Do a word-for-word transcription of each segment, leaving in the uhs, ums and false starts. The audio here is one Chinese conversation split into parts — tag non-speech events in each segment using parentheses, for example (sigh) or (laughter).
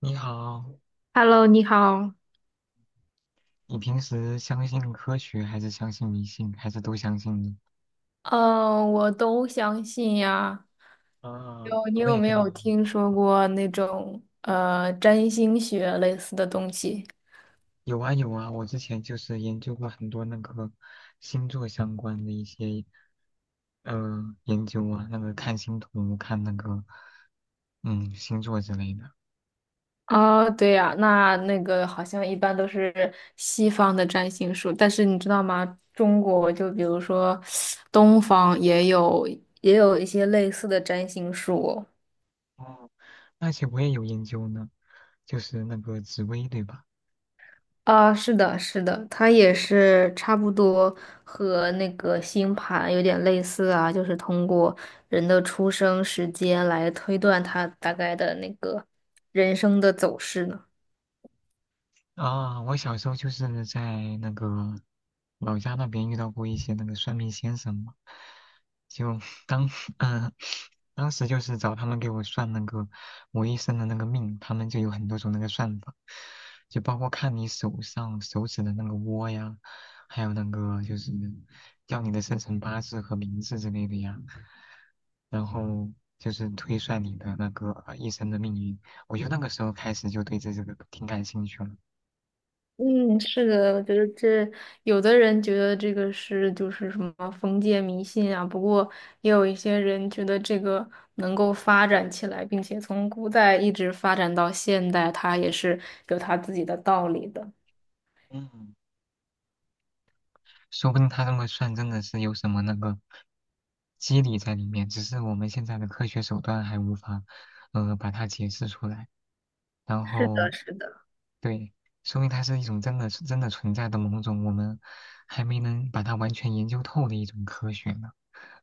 你好，Hello，你好。你平时相信科学还是相信迷信，还是都相信呢？嗯，我都相信呀。啊，有，你我有也没跟你有一样。听说过那种呃占星学类似的东西？有啊有啊，我之前就是研究过很多那个星座相关的一些呃研究啊，那个看星图、看那个嗯星座之类的。哦，对呀，那那个好像一般都是西方的占星术，但是你知道吗？中国就比如说东方也有也有一些类似的占星术哦。哦，而且我也有研究呢，就是那个紫薇对吧？啊，是的，是的，它也是差不多和那个星盘有点类似啊，就是通过人的出生时间来推断他大概的那个人生的走势呢。啊，我小时候就是在那个老家那边遇到过一些那个算命先生嘛，就当 (laughs) 嗯、当时就是找他们给我算那个我一生的那个命，他们就有很多种那个算法，就包括看你手上手指的那个窝呀，还有那个就是要你的生辰八字和名字之类的呀，然后就是推算你的那个呃一生的命运。我就那个时候开始就对这这个挺感兴趣了。嗯，是的，我觉得这有的人觉得这个是就是什么封建迷信啊，不过也有一些人觉得这个能够发展起来，并且从古代一直发展到现代，它也是有它自己的道理的。嗯。说不定他这么算真的是有什么那个机理在里面，只是我们现在的科学手段还无法，呃，把它解释出来。然是的，后，是的。对，说明它是一种真的是真的存在的某种我们还没能把它完全研究透的一种科学呢。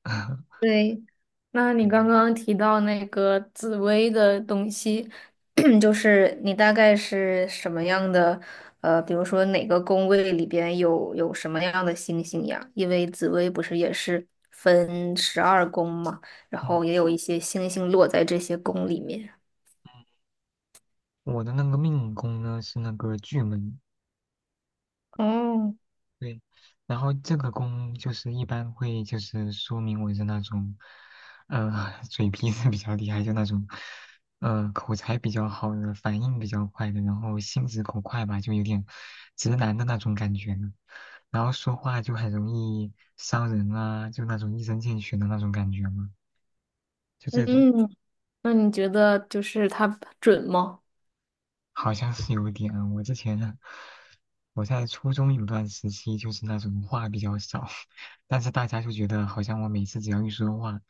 (laughs) 对，那你刚嗯刚提到那个紫薇的东西，(clears throat) 就是你大概是什么样的？呃，比如说哪个宫位里边有有什么样的星星呀？因为紫薇不是也是分十二宫嘛，然嗯，后也有一些星星落在这些宫里面。我的那个命宫呢是那个巨门，哦，对，然后这个弓就是一般会就是说明我是那种，呃，(laughs) 嘴皮子比较厉害，就那种，呃，口才比较好的，反应比较快的，然后心直口快吧，就有点直男的那种感觉呢。然后说话就很容易伤人啊，就那种一针见血的那种感觉嘛，就这种。嗯，那你觉得就是它准吗？好像是有点。我之前我在初中有段时期就是那种话比较少，(laughs) 但是大家就觉得好像我每次只要一说话，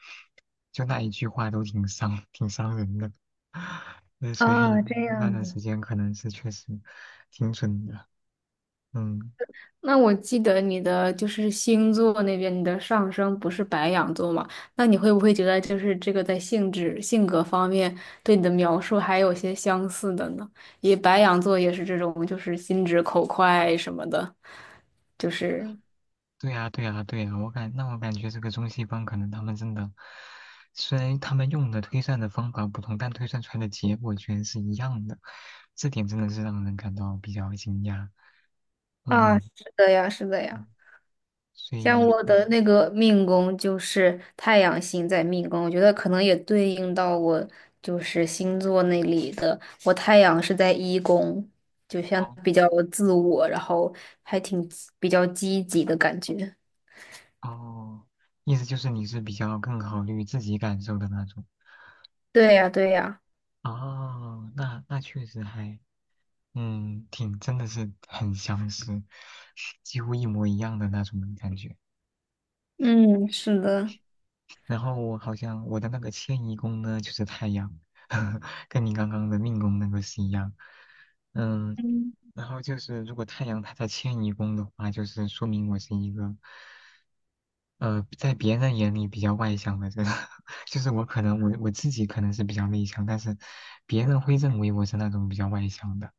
就那一句话都挺伤、挺伤人的。(laughs) 那所以啊，这那样段的。时间可能是确实挺准的。嗯，那我记得你的就是星座那边，你的上升不是白羊座嘛？那你会不会觉得就是这个在性质、性格方面对你的描述还有些相似的呢？也白羊座也是这种，就是心直口快什么的，就是对呀，对呀，对呀，我感那我感觉这个中西方可能他们真的，虽然他们用的推算的方法不同，但推算出来的结果居然是一样的，这点真的是让人感到比较惊讶。啊，嗯，是的呀，是的嗯呀。所像以我的那个命宫就是太阳星在命宫，我觉得可能也对应到我就是星座那里的。我太阳是在一宫，就像哦比较自我，然后还挺比较积极的感觉。哦，意思就是你是比较更考虑自己感受的那种。对呀，对呀，哦，那那确实还，嗯，挺真的是很相似，几乎一模一样的那种感觉。嗯，是的，然后我好像我的那个迁移宫呢，就是太阳，(laughs) 跟你刚刚的命宫那个是一样。嗯，嗯，然后就是如果太阳它在迁移宫的话，就是说明我是一个。呃，在别人眼里比较外向的人，(laughs) 就是我可能我我自己可能是比较内向，但是别人会认为我是那种比较外向的，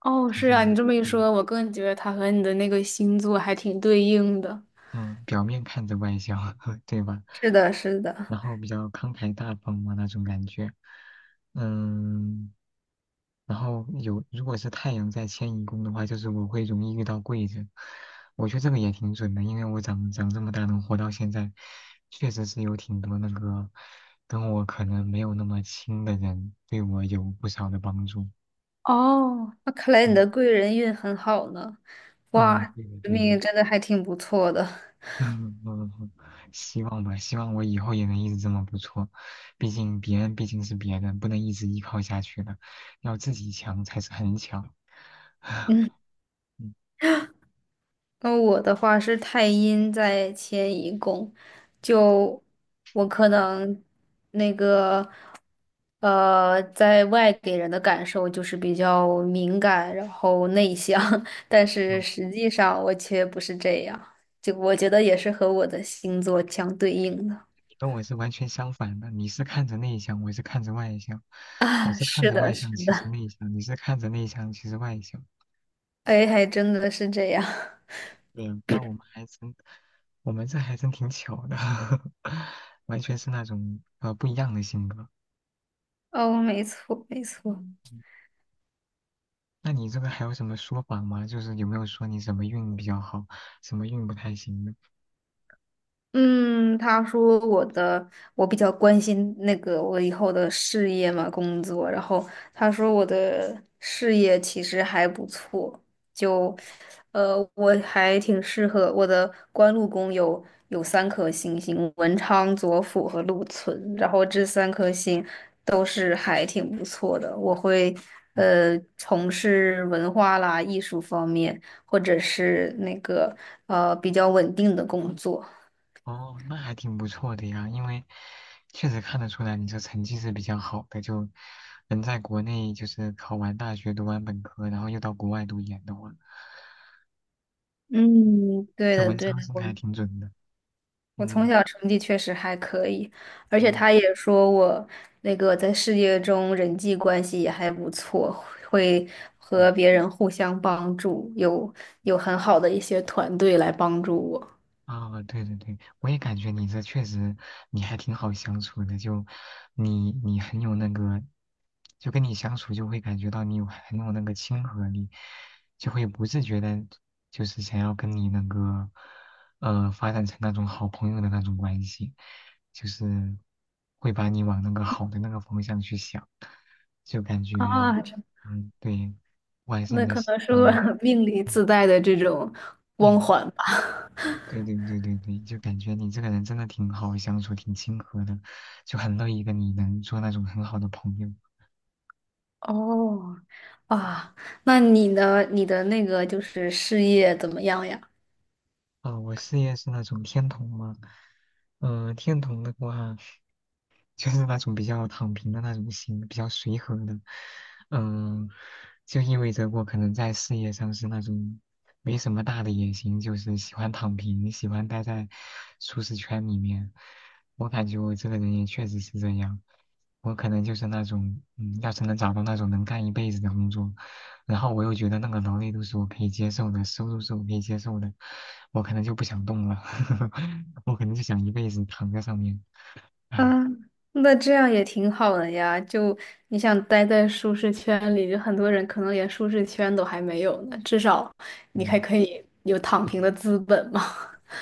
哦，就是是啊，你这么一对说，我更觉得它和你的那个星座还挺对应的。嗯，表面看着外向，(laughs) 对吧？是的，是的。然后比较慷慨大方嘛那种感觉，嗯，然后有如果是太阳在迁移宫的话，就是我会容易遇到贵人，我觉得这个也挺准的，因为我长长这么大能活到现在，确实是有挺多那个跟我可能没有那么亲的人对我有不少的帮助，哦，那看来你嗯的贵人运很好呢。嗯，哇，对的这对的，命运真的还挺不错的。(laughs) 嗯嗯嗯，希望吧，希望我以后也能一直这么不错。毕竟别人毕竟是别人，不能一直依靠下去的，要自己强才是很强。(laughs) 嗯，嗯，那我的话是太阴在迁移宫，就我可能那个呃，在外给人的感受就是比较敏感，然后内向，(laughs) 但是嗯实际上我却不是这样。就我觉得也是和我的星座相对应的。你跟我是完全相反的，你是看着内向，我是看着外向，(laughs) 我啊，是看是着的，外是向，其实的，内向，你是看着内向，其实外向。哎，还真的是这样。对那我们还真，我们这还真挺巧的，(laughs) 完全是那种呃不一样的性格。哦，没错，没错。那你这个还有什么说法吗？就是有没有说你什么运比较好，什么运不太行的？嗯，他说我的我比较关心那个我以后的事业嘛，工作。然后他说我的事业其实还不错，就呃我还挺适合我的官禄宫有有三颗星星，文昌、左辅和禄存，然后这三颗星都是还挺不错的。我会哦，呃从事文化啦、艺术方面，或者是那个呃比较稳定的工作。哦那还挺不错的呀，因为确实看得出来你这成绩是比较好的，就能在国内就是考完大学、读完本科，然后又到国外读研的话，嗯，对这的，文对昌的，星我还挺准的。我从嗯，小成绩确实还可以，而且哦，他也说我那个在事业中人际关系也还不错，会对和呀。别人互相帮助，有有很好的一些团队来帮助我。啊，对对对，我也感觉你这确实你还挺好相处的，就你你很有那个，就跟你相处就会感觉到你有很有那个亲和力，就会不自觉的，就是想要跟你那个呃发展成那种好朋友的那种关系，就是会把你往那个好的那个方向去想，就感觉啊，这嗯，对，我还是你那的可能是呃我 (laughs) 命里嗯自带的这种光嗯。环吧。对对对对对，就感觉你这个人真的挺好相处，挺亲和的，就很乐意跟你能做那种很好的朋友。(laughs) 哦，啊，那你呢？你的那个就是事业怎么样呀？啊、我事业是那种天童吗？嗯、天童的话。就是那种比较躺平的那种心，比较随和的，嗯，就意味着我可能在事业上是那种没什么大的野心，就是喜欢躺平，喜欢待在舒适圈里面。我感觉我这个人也确实是这样，我可能就是那种，嗯，要是能找到那种能干一辈子的工作，然后我又觉得那个劳累都是我可以接受的，收入是我可以接受的，我可能就不想动了，(laughs) 我可能就想一辈子躺在上面，啊，唉。那这样也挺好的呀。就你想待在舒适圈里，就很多人可能连舒适圈都还没有呢。至少你还嗯。可以有躺平的资本嘛。(laughs)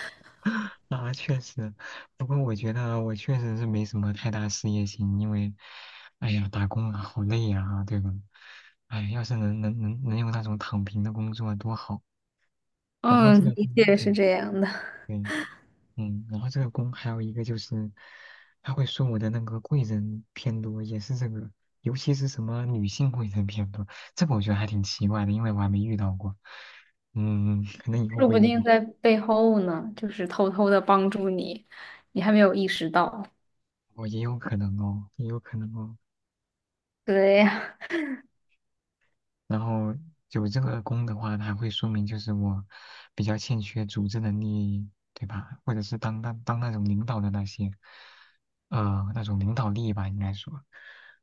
啊，确实，不过我觉得我确实是没什么太大事业心，因为，哎呀，打工啊，好累呀，对吧？哎，要是能能能能有那种躺平的工作啊多好。然后这嗯，个工，的确是对这样的。对，嗯，然后这个工还有一个就是，他会说我的那个贵人偏多，也是这个，尤其是什么女性贵人偏多，这个我觉得还挺奇怪的，因为我还没遇到过。嗯，可能以后说会不遇定到。在背后呢，就是偷偷的帮助你，你还没有意识到。哦，也有可能哦，也有可能哦。对呀，然后有这个功的话，它会说明就是我比较欠缺组织能力，对吧？或者是当当当那种领导的那些，呃，那种领导力吧，应该说，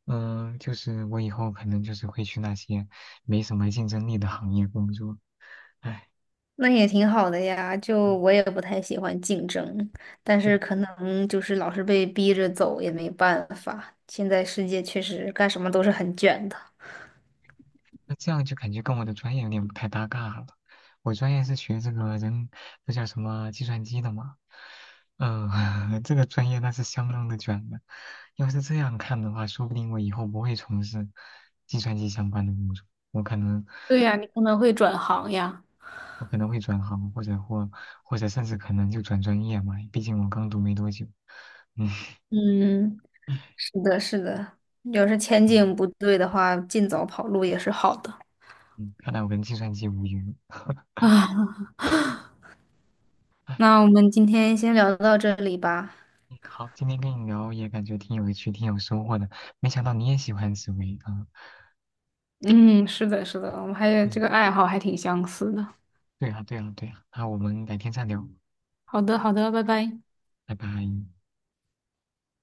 嗯、就是我以后可能就是会去那些没什么竞争力的行业工作。唉，那也挺好的呀。就我嗯也不太喜欢竞争，但是可能就是老是被逼着走也没办法。现在世界确实干什么都是很卷的。那这样就感觉跟我的专业有点不太搭嘎了。我专业是学这个人，那叫什么计算机的嘛。嗯、(laughs) 这个专业那是相当的卷的。要是这样看的话，说不定我以后不会从事计算机相关的工作，我可能对呀，你可能会转行呀。我可能会转行，或者或或者甚至可能就转专业嘛。毕竟我刚读没多久。嗯嗯，是的，是的，要是前嗯 (laughs) 景不对的话，尽早跑路也是好的。嗯，看来我跟计算机无缘。(laughs) 啊，那唉我们今天先聊到这里吧。嗯好，今天跟你聊也感觉挺有趣、挺有收获的，没想到你也喜欢紫薇啊。嗯，是的，是的，我们还有这嗯，个爱好还挺相似的。对啊，对啊，对啊。那我们改天再聊，好的，好的，拜拜。拜拜。